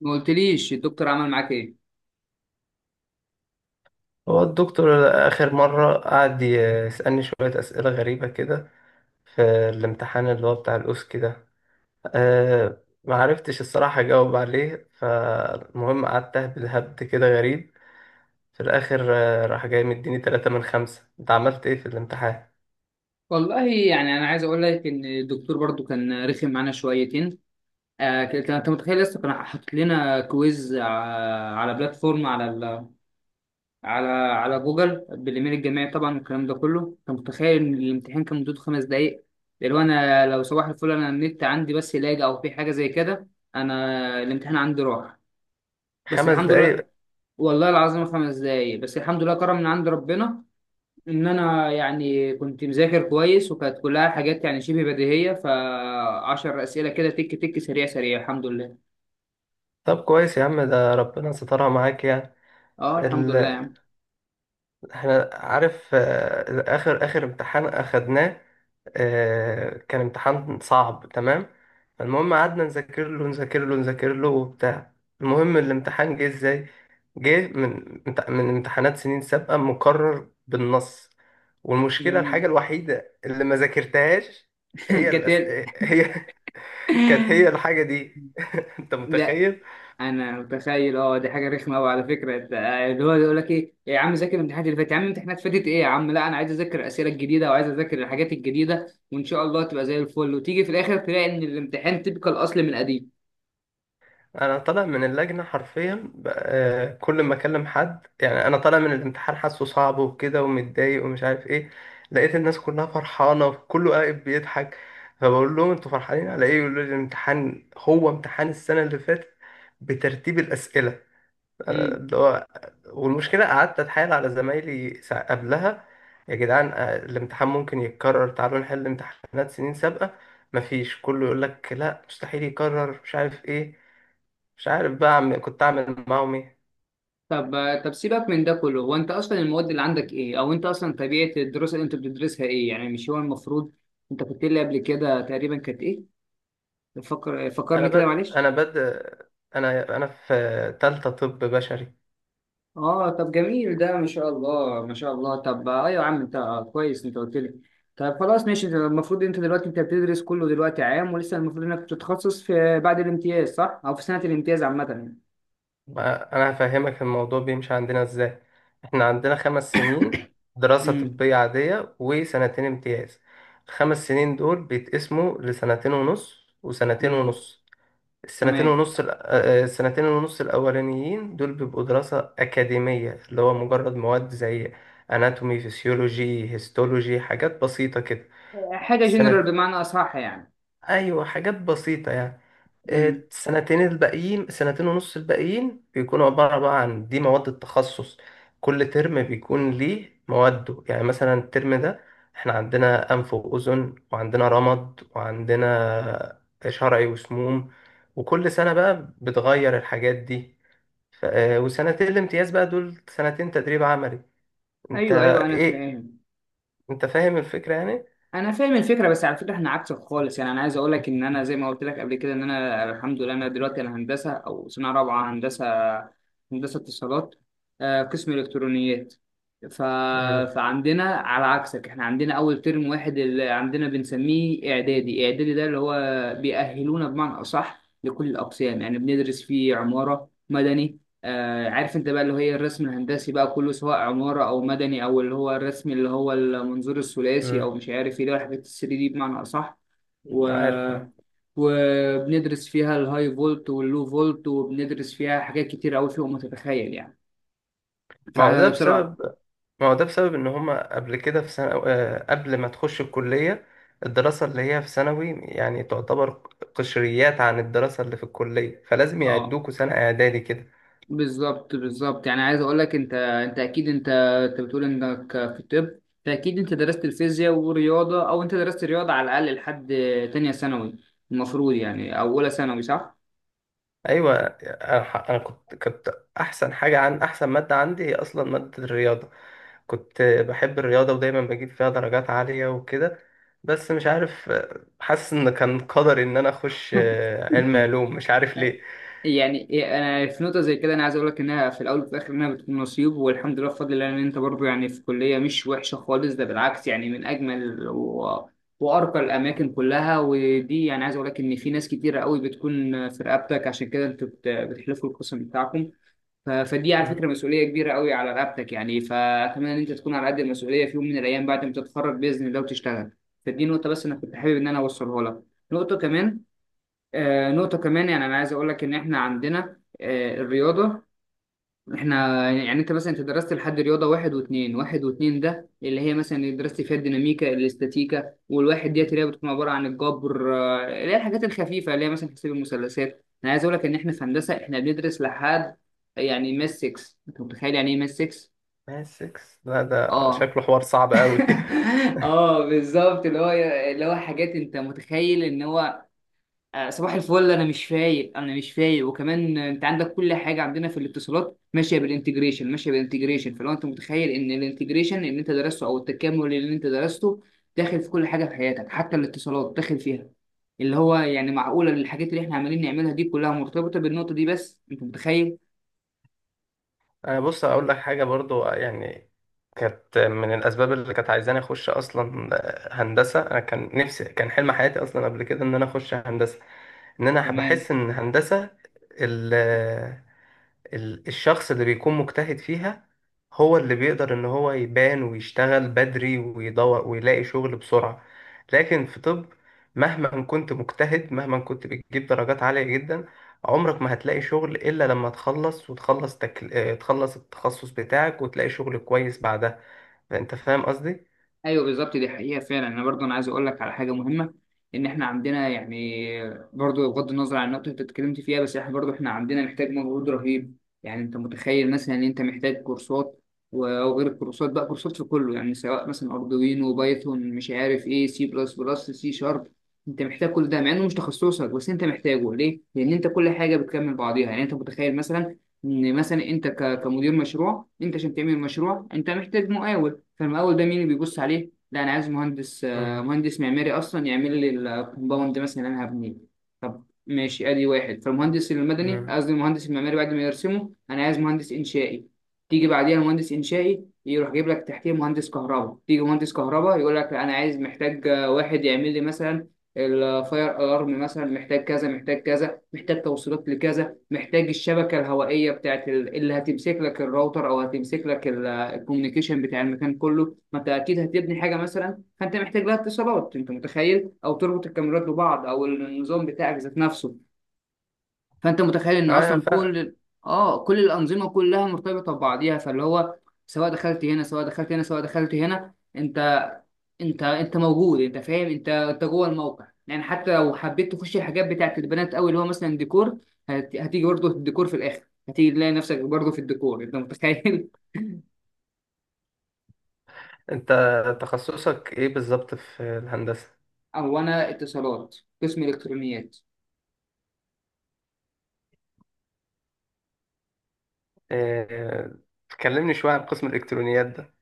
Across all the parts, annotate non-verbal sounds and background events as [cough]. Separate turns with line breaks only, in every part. ما قلتليش الدكتور عمل معاك ايه؟
هو الدكتور آخر مرة قعد يسألني شوية أسئلة غريبة كده في الامتحان اللي هو بتاع الأوسكي ده. أه، معرفتش الصراحة أجاوب عليه. فالمهم قعدت أهبد هبد كده غريب في الآخر. راح جاي مديني تلاتة من خمسة، أنت عملت إيه في الامتحان؟
والله يعني انا عايز اقول لك ان الدكتور برضو كان رخم معانا شويتين. آه، كان انت متخيل لسه كان حاطط لنا كويز على بلاتفورم على جوجل بالايميل الجامعي طبعا، والكلام ده كله انت متخيل ان الامتحان كان مدته خمس دقايق. لو انا صباح الفل، انا النت عندي بس لاج او في حاجه زي كده. انا الامتحان عندي راح، بس
خمس
الحمد لله.
دقايق؟
والله العظيم خمس دقايق بس، الحمد لله، كرم من عند ربنا. ان انا يعني كنت مذاكر كويس، وكانت كلها حاجات يعني شبه بديهيه، فعشر اسئله كده تك تك، سريع الحمد لله.
طب كويس يا عم، ده ربنا سترها معاك يعني.
اه الحمد لله يا
ال...
عم.
احنا عارف، آخر آخر امتحان أخدناه، كان امتحان صعب تمام. المهم قعدنا نذاكر له وبتاع. المهم الامتحان جه ازاي؟ جه من امتحانات سنين سابقة مكرر بالنص. والمشكلة
جميل
الحاجة الوحيدة اللي ما ذاكرتهاش
[laughs]
هي الأس...
كتير.
هي [laughs] كانت هي الحاجة دي. [laughs] انت
لا،
متخيل؟
انا متخيل، اه دي حاجه رخمه قوي على فكره، انت اللي هو يقول لك ايه يا عم ذاكر الامتحانات اللي فاتت، يا عم الامتحانات فاتت ايه، يا عم لا انا عايز اذاكر الاسئله الجديده وعايز اذاكر الحاجات الجديده، وان شاء الله تبقى زي الفل، وتيجي في الاخر تلاقي ان الامتحان تبقى الاصل من قديم.
انا طالع من اللجنه حرفيا كل ما اكلم حد يعني، انا طالع من الامتحان حاسه صعب وكده ومتضايق ومش عارف ايه، لقيت الناس كلها فرحانه وكله قاعد بيضحك. فبقول لهم انتوا فرحانين على ايه؟ يقولوا لي الامتحان هو امتحان السنه اللي فاتت بترتيب الاسئله. أنا
إمم.
اللي هو والمشكله قعدت اتحايل على زمايلي قبلها، يا جدعان الامتحان ممكن يتكرر، تعالوا نحل امتحانات سنين سابقه. مفيش، كله يقول لك لا مستحيل يكرر مش عارف ايه. مش عارف بقى عم كنت أعمل معاهم إيه.
طب طب سيبك من ده كله، هو انت اصلا المواد اللي عندك ايه، او انت اصلا طبيعه الدراسه اللي انت بتدرسها ايه، يعني مش هو المفروض انت كنت لي قبل كده تقريبا كانت ايه؟ فكرني
أنا
كده
بد...
معلش.
أنا بد... أنا في تالتة طب بشري.
اه طب جميل، ده ما شاء الله ما شاء الله. طب ايوه يا عم انت، كويس انت قلت لي. طب خلاص ماشي، ده المفروض انت دلوقتي انت بتدرس كله دلوقتي عام، ولسه المفروض انك بتتخصص في بعد الامتياز صح، او في سنه الامتياز عامه يعني.
بقى أنا هفهمك الموضوع بيمشي عندنا إزاي. إحنا عندنا خمس سنين دراسة
امم.
طبية عادية وسنتين امتياز. الخمس سنين دول بيتقسموا لسنتين ونص وسنتين
امم.
ونص. السنتين
تمام.
ونص السنتين ونص الأولانيين دول بيبقوا دراسة أكاديمية، اللي هو مجرد مواد زي أناتومي، فيسيولوجي، هيستولوجي، حاجات بسيطة كده.
حاجه جنرال
السنة
بمعنى اصح يعني.
ايوه حاجات بسيطه يعني.
امم.
السنتين الباقيين، سنتين ونص الباقيين، بيكونوا عباره بقى عن دي مواد التخصص. كل ترم بيكون ليه مواده، يعني مثلا الترم ده احنا عندنا انف واذن، وعندنا رمد، وعندنا شرعي وسموم. وكل سنه بقى بتغير الحاجات دي. وسنتين الامتياز بقى دول سنتين تدريب عملي. انت
ايوه ايوه، انا
ايه،
فاهم.
انت فاهم الفكره يعني؟
انا فاهم الفكره، بس على فكره احنا عكسك خالص، يعني انا عايز اقول لك ان انا زي ما قلت لك قبل كده، ان انا الحمد لله انا دلوقتي انا هندسه، او سنه رابعه هندسه، هندسه اتصالات، آه، قسم الكترونيات. ف...
امم
فعندنا على عكسك، احنا عندنا اول ترم واحد اللي عندنا بنسميه اعدادي، اعدادي ده اللي هو بيأهلونا بمعنى اصح لكل الاقسام، يعني بندرس فيه عماره مدني، آه، عارف انت بقى اللي هي الرسم الهندسي بقى كله، سواء عمارة او مدني، او اللي هو الرسم اللي هو المنظور الثلاثي، او
امم
مش عارف ايه، ده الحاجات الثري دي بمعنى اصح. و...
عارف عارف.
وبندرس فيها الهاي فولت واللو فولت، وبندرس فيها حاجات كتير قوي فوق ما تتخيل يعني،
ما هو ده
فبصراحة.
بسبب ان هما قبل كده في سنة، قبل ما تخش الكلية، الدراسة اللي هي في ثانوي يعني تعتبر قشريات عن الدراسة اللي في الكلية، فلازم
اه
يعدوكوا سنة اعدادي كده.
بالظبط يعني عايز اقول لك، انت اكيد انت بتقول انك في الطب، فاكيد انت درست الفيزياء ورياضة، او انت درست رياضة على الاقل لحد تانية ثانوي المفروض يعني، او اولى ثانوي صح؟
ايوه، أنا كنت احسن حاجة عن احسن مادة عندي هي اصلا مادة الرياضة. كنت بحب الرياضة ودايما بجيب فيها درجات عالية وكده. بس مش عارف، حاسس ان كان قدري ان انا اخش علم علوم مش عارف ليه.
يعني إيه، انا في نقطه زي كده، انا عايز اقول لك انها في الاول وفي الاخر انها بتكون نصيب، والحمد لله بفضل الله ان انت برضو يعني في كليه مش وحشه خالص، ده بالعكس يعني من اجمل وارقى الاماكن كلها، ودي يعني عايز اقول لك ان في ناس كتيره قوي بتكون في رقبتك، عشان كده انتوا بتحلفوا القسم بتاعكم. فدي على
مم.
فكره مسؤوليه كبيره قوي على رقبتك يعني، فاتمنى ان انت تكون على قد المسؤوليه في يوم من الايام بعد ما تتخرج باذن الله وتشتغل. فدي نقطه بس انا كنت حابب ان انا اوصلها لك. نقطه كمان، آه، نقطة كمان يعني أنا عايز أقول لك إن إحنا عندنا، آه، الرياضة. إحنا يعني أنت مثلا أنت درست لحد رياضة واحد واتنين، واحد واتنين ده اللي هي مثلا اللي درست فيها الديناميكا الاستاتيكا، والواحد ديت
مم.
اللي هي بتكون عبارة عن الجبر، آه، اللي هي الحاجات الخفيفة اللي هي مثلا تحسب المثلثات. أنا عايز أقول لك إن إحنا في هندسة إحنا بندرس لحد يعني ماس 6. أنت متخيل يعني إيه ماس 6؟
ماس 6؟ لا ده
آه
شكله حوار صعب
[laughs]
قوي. [laughs]
اه بالظبط، اللي هو اللي هو حاجات انت متخيل ان هو، آه، صباح الفل انا مش فايق، انا مش فايق. وكمان آه، انت عندك كل حاجه عندنا في الاتصالات ماشيه بالانتجريشن ماشيه بالانتجريشن. فلو انت متخيل ان الانتجريشن اللي انت درسته او التكامل اللي انت درسته داخل في كل حاجه في حياتك، حتى الاتصالات داخل فيها، اللي هو يعني معقوله الحاجات اللي احنا عمالين نعملها دي كلها مرتبطه بالنقطه دي، بس انت متخيل.
أه بص اقول لك حاجه برضو، يعني كانت من الاسباب اللي كانت عايزاني اخش اصلا هندسه. انا كان نفسي، كان حلم حياتي اصلا قبل كده ان انا اخش هندسه. ان انا
تمام.
بحس ان هندسه ال- الشخص اللي بيكون مجتهد فيها هو اللي بيقدر ان هو يبان ويشتغل بدري ويدور ويلاقي شغل بسرعة. لكن في طب، مهما كنت مجتهد، مهما كنت بتجيب درجات عالية جدا، عمرك ما هتلاقي شغل إلا لما تخلص، وتخلص تكل... آه، تخلص التخصص بتاعك وتلاقي شغل كويس بعدها. فأنت فاهم قصدي؟
ايوه بالظبط، دي حقيقه فعلا. انا برضو انا عايز اقول لك على حاجه مهمه، ان احنا عندنا يعني، برضو بغض النظر عن النقطه اللي انت اتكلمت فيها، بس احنا برضو احنا عندنا محتاج مجهود رهيب، يعني انت متخيل مثلا ان انت محتاج كورسات، و- وغير الكورسات بقى كورسات في كله، يعني سواء مثلا اردوينو، بايثون، مش عارف ايه، سي بلس بلس، سي شارب، انت محتاج كل ده مع انه مش تخصصك، بس انت محتاجه ليه؟ لان انت كل حاجه بتكمل بعضيها. يعني انت متخيل مثلا ان مثلا انت كمدير مشروع انت عشان تعمل مشروع انت محتاج مقاول، فالمقاول ده مين اللي بيبص عليه؟ لا انا عايز مهندس، آه،
مم.
مهندس معماري اصلا يعمل لي الكومباوند مثلا اللي انا هبنيه. طب ماشي، ادي واحد. فالمهندس المدني،
مم.
قصدي المهندس المعماري، بعد ما يرسمه انا عايز مهندس انشائي. تيجي بعديها مهندس انشائي يروح جايب لك تحتيه مهندس كهرباء، تيجي مهندس كهرباء يقول لك انا عايز، محتاج آه، واحد يعمل لي مثلا الفاير الارم مثلا، محتاج كذا، محتاج كذا، محتاج توصيلات لكذا، محتاج الشبكة الهوائية بتاعت اللي هتمسك لك الراوتر، أو هتمسك لك الكوميونيكيشن بتاع المكان كله، ما أنت أكيد هتبني حاجة مثلا فأنت محتاج لها اتصالات، أنت متخيل، أو تربط الكاميرات ببعض، أو النظام بتاعك ذات نفسه. فأنت متخيل إن
أيوة
أصلا
فا
كل، آه، كل الأنظمة كلها مرتبطة ببعضيها، فاللي هو سواء دخلت هنا، سواء دخلت هنا، سواء دخلت هنا، انت موجود، انت فاهم، انت جوه الموقع يعني، حتى لو حبيت تخش الحاجات بتاعت البنات قوي اللي هو مثلا ديكور، هتيجي برضه الديكور في الاخر، هتيجي تلاقي نفسك برضه في الديكور، انت متخيل. [laughs]
أنت تخصصك إيه بالظبط في الهندسة؟
او انا اتصالات، قسم الكترونيات.
آه، كلمني شوية عن قسم الإلكترونيات ده.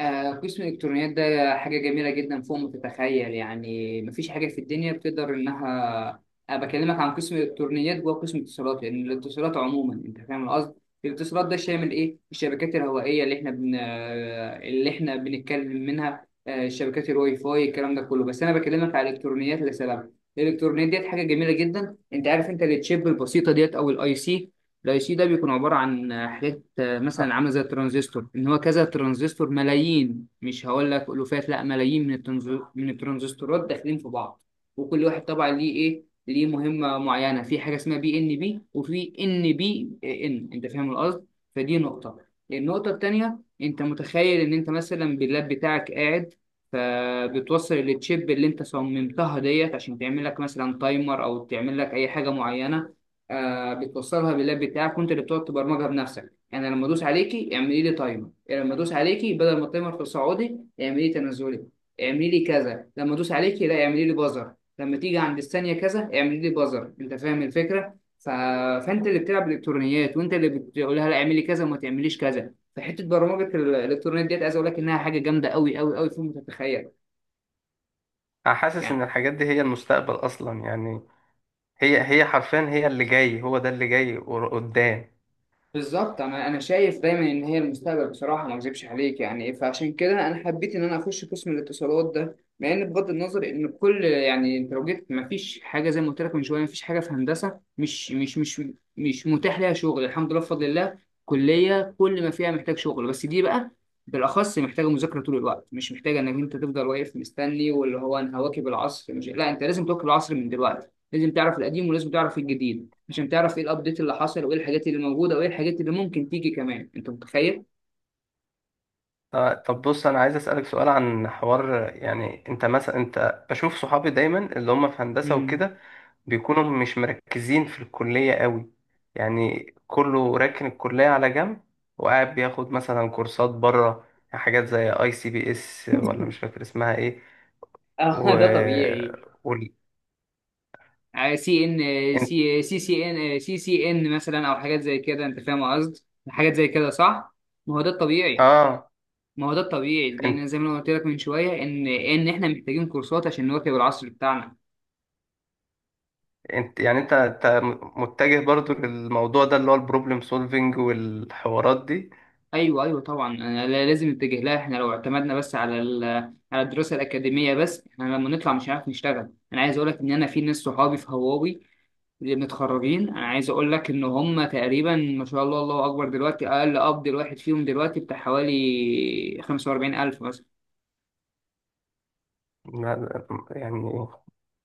آه، قسم الإلكترونيات ده حاجة جميلة جدا فوق ما تتخيل يعني، مفيش حاجة في الدنيا بتقدر إنها، أنا بكلمك عن قسم الإلكترونيات جوه قسم الاتصالات، لأن يعني الاتصالات عموما أنت فاهم القصد، الاتصالات ده شامل إيه؟ الشبكات الهوائية اللي إحنا آه، اللي إحنا بنتكلم منها، آه، الشبكات الواي فاي، الكلام ده كله. بس أنا بكلمك على الإلكترونيات لسبب، الإلكترونيات ديت حاجة جميلة جدا أنت عارف، أنت التشيب البسيطة ديت أو الأي سي، الاي سي ده بيكون عباره عن حاجات، آه، مثلا عامله زي الترانزستور، ان هو كذا ترانزستور، ملايين، مش هقول لك الوفات لا ملايين من من الترانزستورات داخلين في بعض، وكل واحد طبعا ليه ايه، ليه مهمه معينه، في حاجه اسمها بي ان بي وفي ان بي ان، انت فاهم القصد. فدي نقطه. النقطه التانيه، انت متخيل ان انت مثلا باللاب بتاعك قاعد، فبتوصل التشيب اللي انت صممتها ديت عشان تعمل لك مثلا تايمر، او تعمل لك اي حاجه معينه، آه بتوصلها باللاب بتاعك، وانت اللي بتقعد تبرمجها بنفسك، يعني لما ادوس عليكي اعملي لي تايمر، يعني لما ادوس عليكي بدل ما التايمر في سعودي اعملي لي تنازلي، اعملي لي كذا، لما ادوس عليكي لا اعملي لي بازر، لما تيجي عند الثانيه كذا اعملي لي بازر، انت فاهم الفكره. فانت اللي بتلعب الكترونيات، وانت اللي بتقول لها لا اعملي كذا وما تعمليش كذا، فحته برمجه الالكترونيات ديت عايز اقول لك انها حاجه جامده قوي فوق ما تتخيل
حاسس ان
يعني.
الحاجات دي هي المستقبل اصلا يعني. هي هي حرفيا هي اللي جاي، هو ده اللي جاي قدام.
بالظبط، انا شايف دايما ان هي المستقبل بصراحه ما اكذبش عليك يعني، فعشان كده انا حبيت ان انا اخش قسم الاتصالات ده، مع ان بغض النظر ان كل يعني انت لو جيت ما فيش حاجه زي ما قلت لك من شويه، ما فيش حاجه في هندسه مش متاح ليها شغل، الحمد لله بفضل الله، كليه كل ما فيها محتاج شغل، بس دي بقى بالاخص محتاجه مذاكره طول الوقت، مش محتاجه انك انت تفضل واقف مستني واللي هو انا هواكب العصر، مش لا انت لازم تواكب العصر من دلوقتي، لازم تعرف القديم، ولازم تعرف الجديد، عشان تعرف ايه الابديت اللي حصل، وايه الحاجات اللي موجوده، وايه الحاجات اللي ممكن تيجي كمان، انت متخيل.
طب بص انا عايز اسالك سؤال عن حوار، يعني انت مثلا انت بشوف صحابي دايما اللي هم في هندسه
امم.
وكده بيكونوا مش مركزين في الكليه قوي، يعني كله راكن الكليه على جنب وقاعد بياخد مثلا كورسات بره، حاجات زي اي سي بي اس، ولا مش فاكر اسمها ايه
اه
و...
[laughs] ده طبيعي.
وال...
سي ان، سي سي سي ان مثلا، او حاجات زي كده انت فاهم قصدي، حاجات زي كده صح. ما هو ده الطبيعي،
اه.
ما هو ده الطبيعي، لان زي ما أنا قلت لك من شويه ان احنا محتاجين كورسات عشان نواكب العصر بتاعنا.
انت يعني انت انت متجه برضو للموضوع ده اللي هو البروبلم سولفينج والحوارات دي؟
ايوه ايوه طبعا، أنا لازم نتجه لها، احنا لو اعتمدنا بس على على الدراسه الاكاديميه بس، احنا لما نطلع مش هنعرف نشتغل. انا عايز اقول لك ان انا في ناس صحابي في هواوي اللي متخرجين، انا عايز اقول لك ان هم تقريبا ما شاء الله الله اكبر دلوقتي اقل قبض الواحد فيهم دلوقتي بتاع حوالي 45,000 مثلا.
يعني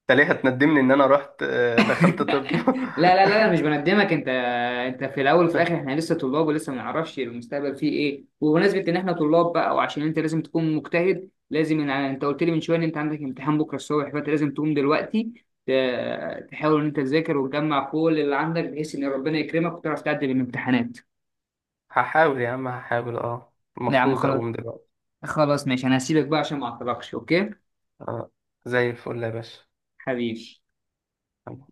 انت ليه هتندمني ان انا رحت
[laughs]
دخلت طب؟
لا مش بندمك انت، انت في الاول وفي الاخر احنا
[laughs]
لسه طلاب، ولسه ما نعرفش المستقبل فيه ايه، وبمناسبه ان احنا طلاب بقى، وعشان انت لازم تكون مجتهد، لازم إن انت قلت لي من شويه ان انت عندك امتحان بكره الصبح، فانت لازم تقوم دلوقتي تحاول ان انت تذاكر وتجمع كل اللي عندك، بحيث ان ربنا يكرمك وتعرف تعدي الامتحانات.
هحاول يا عم، هحاول، اه.
لا يا عم
المفروض
خلاص،
اقوم دلوقتي.
خلاص ماشي، انا هسيبك بقى عشان ما اعطلكش، اوكي؟
اه، زي الفل يا باشا.
حبيبي.